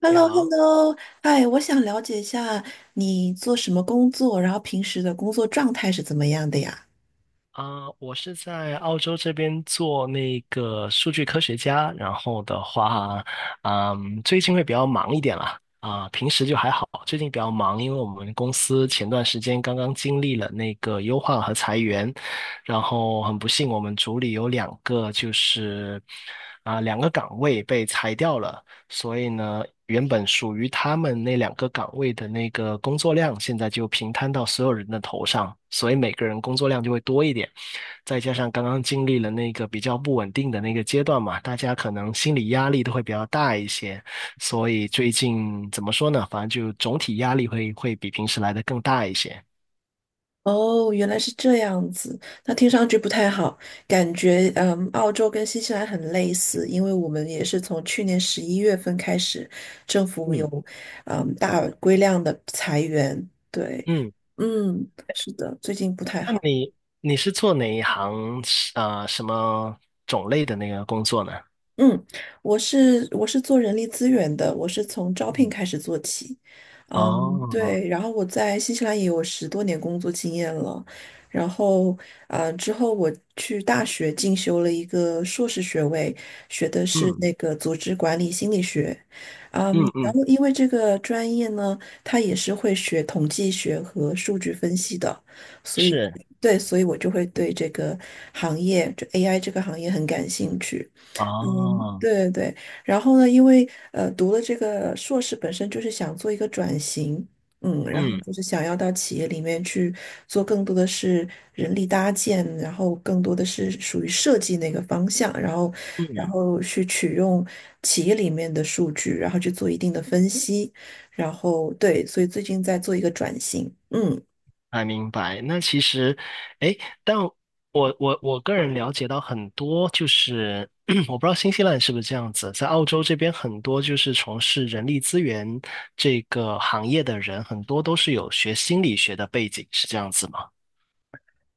h e l 你 l o h e l 好，l o 哎，我想了解一下你做什么工作，然后平时的工作状态是怎么样的呀？我是在澳洲这边做那个数据科学家，然后的话，最近会比较忙一点啦，平时就还好，最近比较忙，因为我们公司前段时间刚刚经历了那个优化和裁员，然后很不幸，我们组里有两个就是两个岗位被裁掉了，所以呢，原本属于他们那两个岗位的那个工作量，现在就平摊到所有人的头上，所以每个人工作量就会多一点。再加上刚刚经历了那个比较不稳定的那个阶段嘛，大家可能心理压力都会比较大一些，所以最近怎么说呢？反正就总体压力会比平时来的更大一些。哦，原来是这样子，那听上去不太好，感觉澳洲跟新西兰很类似，因为我们也是从去年11月份开始，政府有嗯大规量的裁员，对，嗯。嗯，是的，最近不太那好。你是做哪一行？什么种类的那个工作呢？嗯，我是做人力资源的，我是从招聘嗯，开始做起。嗯，哦，对，然后我在新西兰也有10多年工作经验了，然后之后我去大学进修了一个硕士学位，学的是嗯那个组织管理心理学。嗯然嗯，后因为这个专业呢，它也是会学统计学和数据分析的，所以是，对，所以我就会对这个行业，就 AI 这个行业很感兴趣。哦，对对，然后呢，因为读了这个硕士，本身就是想做一个转型，然后嗯就是想要到企业里面去做更多的是人力搭建，然后更多的是属于设计那个方向，然后嗯。去取用企业里面的数据，然后去做一定的分析，然后对，所以最近在做一个转型，嗯。还明白。那其实，哎，但我个人了解到很多，就是 我不知道新西兰是不是这样子，在澳洲这边很多就是从事人力资源这个行业的人，很多都是有学心理学的背景，是这样子吗？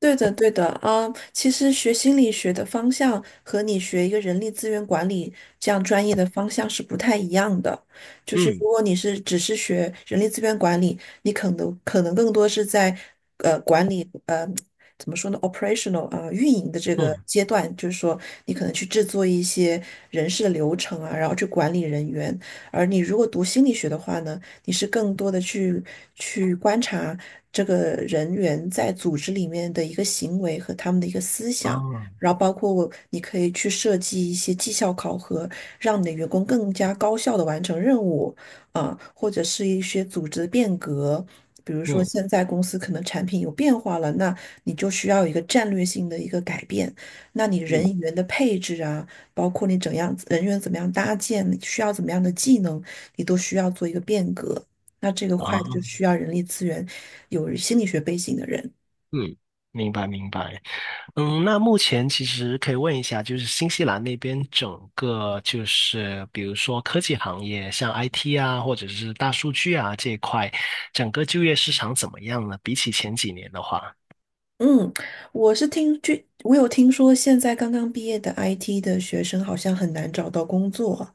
对的，对的啊，其实学心理学的方向和你学一个人力资源管理这样专业的方向是不太一样的。就是嗯如果你是只是学人力资源管理，你可能更多是在管理怎么说呢，operational 啊、运营的这个嗯，阶段，就是说你可能去制作一些人事的流程啊，然后去管理人员。而你如果读心理学的话呢？你是更多的去观察这个人员在组织里面的一个行为和他们的一个思啊，想，然后包括你可以去设计一些绩效考核，让你的员工更加高效的完成任务啊，或者是一些组织的变革。比如说，嗯现在公司可能产品有变化了，那你就需要一个战略性的一个改变。那你嗯，人员的配置啊，包括你怎样人员怎么样搭建，你需要怎么样的技能，你都需要做一个变革。那这个块就啊，需要人力资源有心理学背景的人。嗯。明白明白。那目前其实可以问一下，就是新西兰那边整个就是比如说科技行业，像 IT 啊，或者是大数据啊这一块，整个就业市场怎么样呢？比起前几年的话，嗯，我是听据我有听说，现在刚刚毕业的 IT 的学生好像很难找到工作。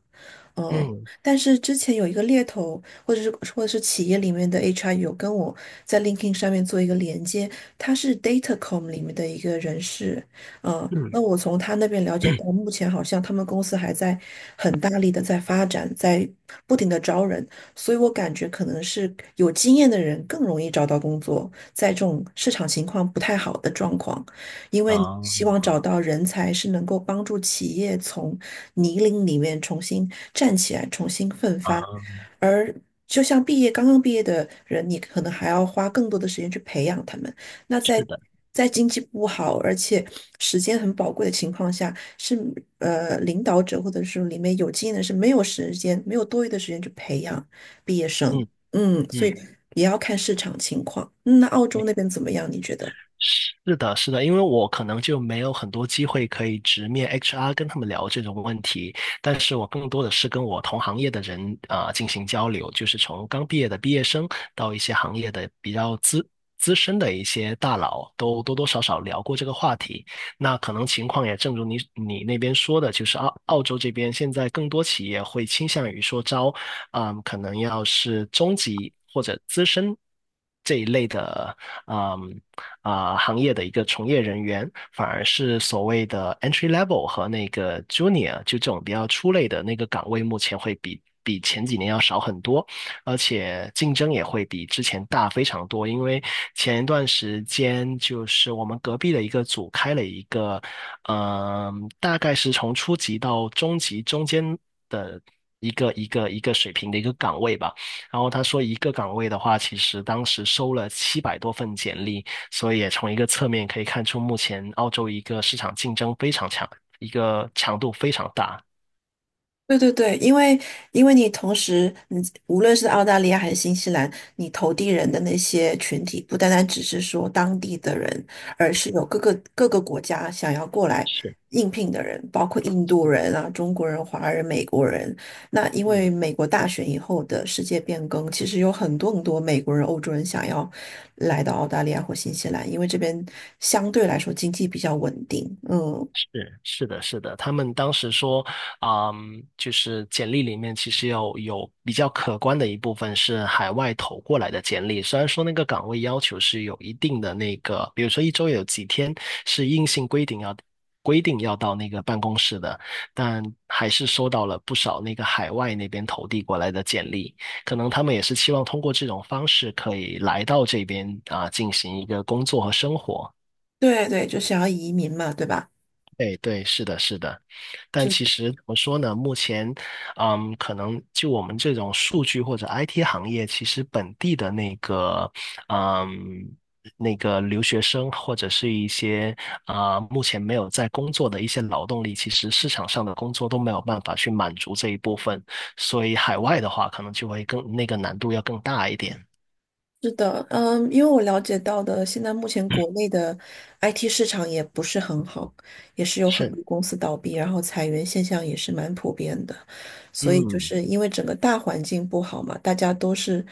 呃，嗯但是之前有一个猎头，或者是或者是企业里面的 HR 有跟我在 LinkedIn 上面做一个连接，他是 Datacom 里面的一个人事，嗯 那我从他那边了解到，目前好像他们公司还在很大力的在发展，在不停的招人，所以我感觉可能是有经验的人更容易找到工作，在这种市场情况不太好的状况，因为啊，希望找到人才是能够帮助企业从泥泞里面重新站起来，重新奋啊，发。而就像毕业刚刚毕业的人，你可能还要花更多的时间去培养他们。那是在的，经济不好，而且时间很宝贵的情况下，是领导者或者是里面有经验的是没有时间，没有多余的时间去培养毕业生。嗯所嗯。以也要看市场情况。嗯那澳洲那边怎么样？你觉得？是的，是的，因为我可能就没有很多机会可以直面 HR 跟他们聊这种问题，但是我更多的是跟我同行业的人啊、进行交流，就是从刚毕业的毕业生到一些行业的比较资深的一些大佬，都多多少少聊过这个话题。那可能情况也正如你那边说的，就是澳洲这边现在更多企业会倾向于说招，可能要是中级或者资深这一类的，嗯行业的一个从业人员，反而是所谓的 entry level 和那个 junior 就这种比较出类的那个岗位，目前会比前几年要少很多。而且竞争也会比之前大非常多，因为前一段时间就是我们隔壁的一个组开了一个，大概是从初级到中级中间一个水平的一个岗位吧。然后他说一个岗位的话，其实当时收了700多份简历，所以也从一个侧面可以看出，目前澳洲一个市场竞争非常强，一个强度非常大。对对对，因为你同时，你无论是澳大利亚还是新西兰，你投递人的那些群体，不单单只是说当地的人，而是有各个各个国家想要过来是，应聘的人，包括印度人啊、中国人、华人、美国人。那因为嗯。美国大选以后的世界变更，其实有很多很多美国人、欧洲人想要来到澳大利亚或新西兰，因为这边相对来说经济比较稳定。嗯，是是的，是的，他们当时说，就是简历里面其实有比较可观的一部分是海外投过来的简历，虽然说那个岗位要求是有一定的那个，比如说一周有几天是硬性规定要到那个办公室的，但还是收到了不少那个海外那边投递过来的简历，可能他们也是期望通过这种方式可以来到这边啊，进行一个工作和生活。对对，就想要移民嘛，对吧？对对，是的，是的，但就。其实怎么说呢？目前，可能就我们这种数据或者 IT 行业，其实本地的那个，嗯，那个留学生或者是一些目前没有在工作的一些劳动力，其实市场上的工作都没有办法去满足这一部分，所以海外的话，可能就会更那个难度要更大一点。是的，因为我了解到的，现在目前国内的 IT 市场也不是很好，也是有很是，多公司倒闭，然后裁员现象也是蛮普遍的，所以就嗯，是因为整个大环境不好嘛，大家都是，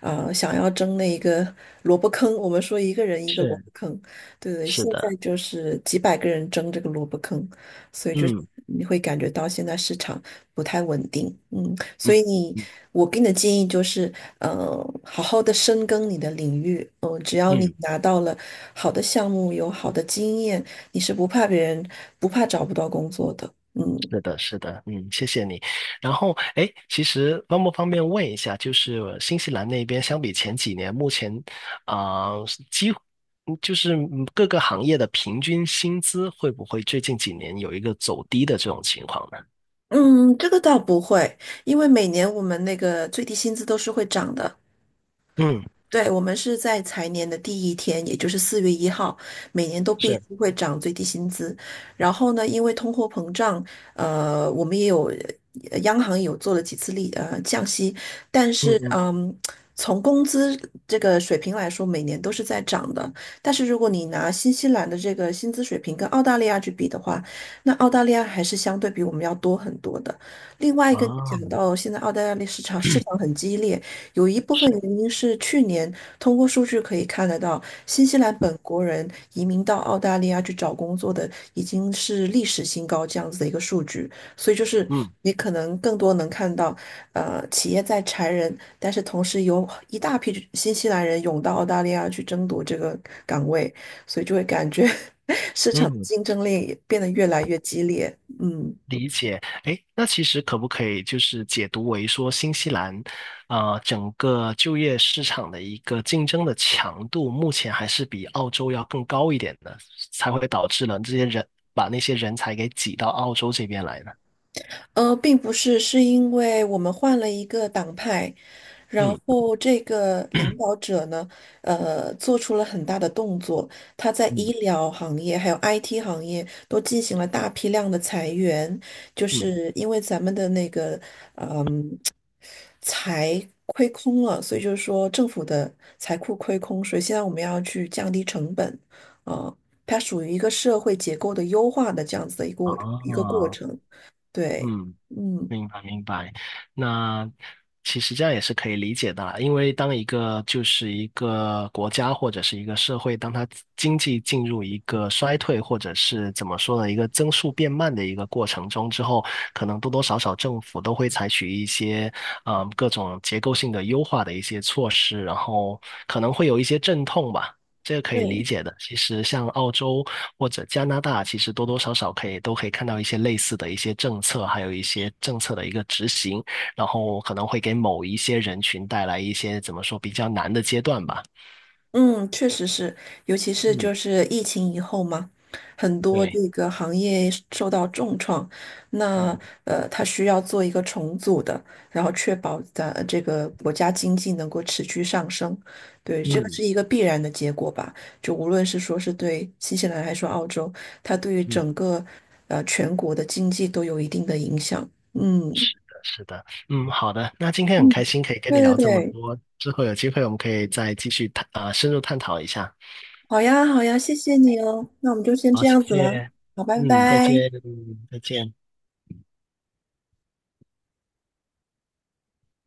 想要争那一个萝卜坑，我们说一个人一个萝是，卜坑，对对，是现在的，就是几百个人争这个萝卜坑，所以就是嗯你会感觉到现在市场不太稳定，嗯。所嗯以你，嗯我给你的建议就是，呃，好好的深耕你的领域，只要你嗯。拿到了好的项目，有好的经验，你是不怕别人，不怕找不到工作的，嗯。是的，是的，嗯，谢谢你。然后，哎，其实方不方便问一下，就是新西兰那边相比前几年，目前啊，几乎就是各个行业的平均薪资会不会最近几年有一个走低的这种情况呢？嗯，这个倒不会，因为每年我们那个最低薪资都是会涨的，嗯，对，我们是在财年的第一天，也就是4月1号，每年都必须是，会涨最低薪资。然后呢，因为通货膨胀，我们也有，央行也有做了几次降息，但嗯是嗯，从工资这个水平来说，每年都是在涨的。但是如果你拿新西兰的这个薪资水平跟澳大利亚去比的话，那澳大利亚还是相对比我们要多很多的。另外一个啊，讲到现在澳大利亚的市场很激烈。有一部分是，原因是去年通过数据可以看得到，新西兰本国人移民到澳大利亚去找工作的已经是历史新高这样子的一个数据，所以就是嗯你可能更多能看到，企业在裁人，但是同时有一大批新西兰人涌到澳大利亚去争夺这个岗位，所以就会感觉 市场嗯。竞争力也变得越来越激烈，嗯。理解。诶，那其实可不可以就是解读为说，新西兰，整个就业市场的一个竞争的强度，目前还是比澳洲要更高一点的，才会导致了这些人把那些人才给挤到澳洲这边来呢？并不是，是因为我们换了一个党派，然嗯后这个领导者呢，做出了很大的动作，他在嗯医疗行业还有 IT 行业都进行了大批量的裁员，就嗯，是因为咱们的那个财亏空了，所以就是说政府的财库亏空，所以现在我们要去降低成本，啊、它属于一个社会结构的优化的这样子的啊，一个过程，对，嗯。嗯。明白明白。那其实这样也是可以理解的啦，因为当一个就是一个国家或者是一个社会，当它经济进入一个衰退或者是怎么说呢，一个增速变慢的一个过程中之后，可能多多少少政府都会采取一些各种结构性的优化的一些措施，然后可能会有一些阵痛吧。这个可以对。理解的。其实像澳洲或者加拿大，其实多多少少可以都可以看到一些类似的一些政策，还有一些政策的一个执行，然后可能会给某一些人群带来一些怎么说比较难的阶段吧。嗯，确实是，尤其是嗯，就是疫情以后嘛，很多对，这个行业受到重创，那嗯 它需要做一个重组的，然后确保咱这个国家经济能够持续上升，对，这个嗯，是一个必然的结果吧。就无论是说是对新西兰还是说澳洲，它对于嗯整个全国的经济都有一定的影响。嗯的是的，嗯，好的。那今天很嗯，开心可以跟对你对聊这么对，多，之后有机会我们可以再继续探啊，深入探讨一下。好呀好呀，谢谢你哦，那我们就先这好，谢样子了，谢。好，拜嗯，再拜。见，再见。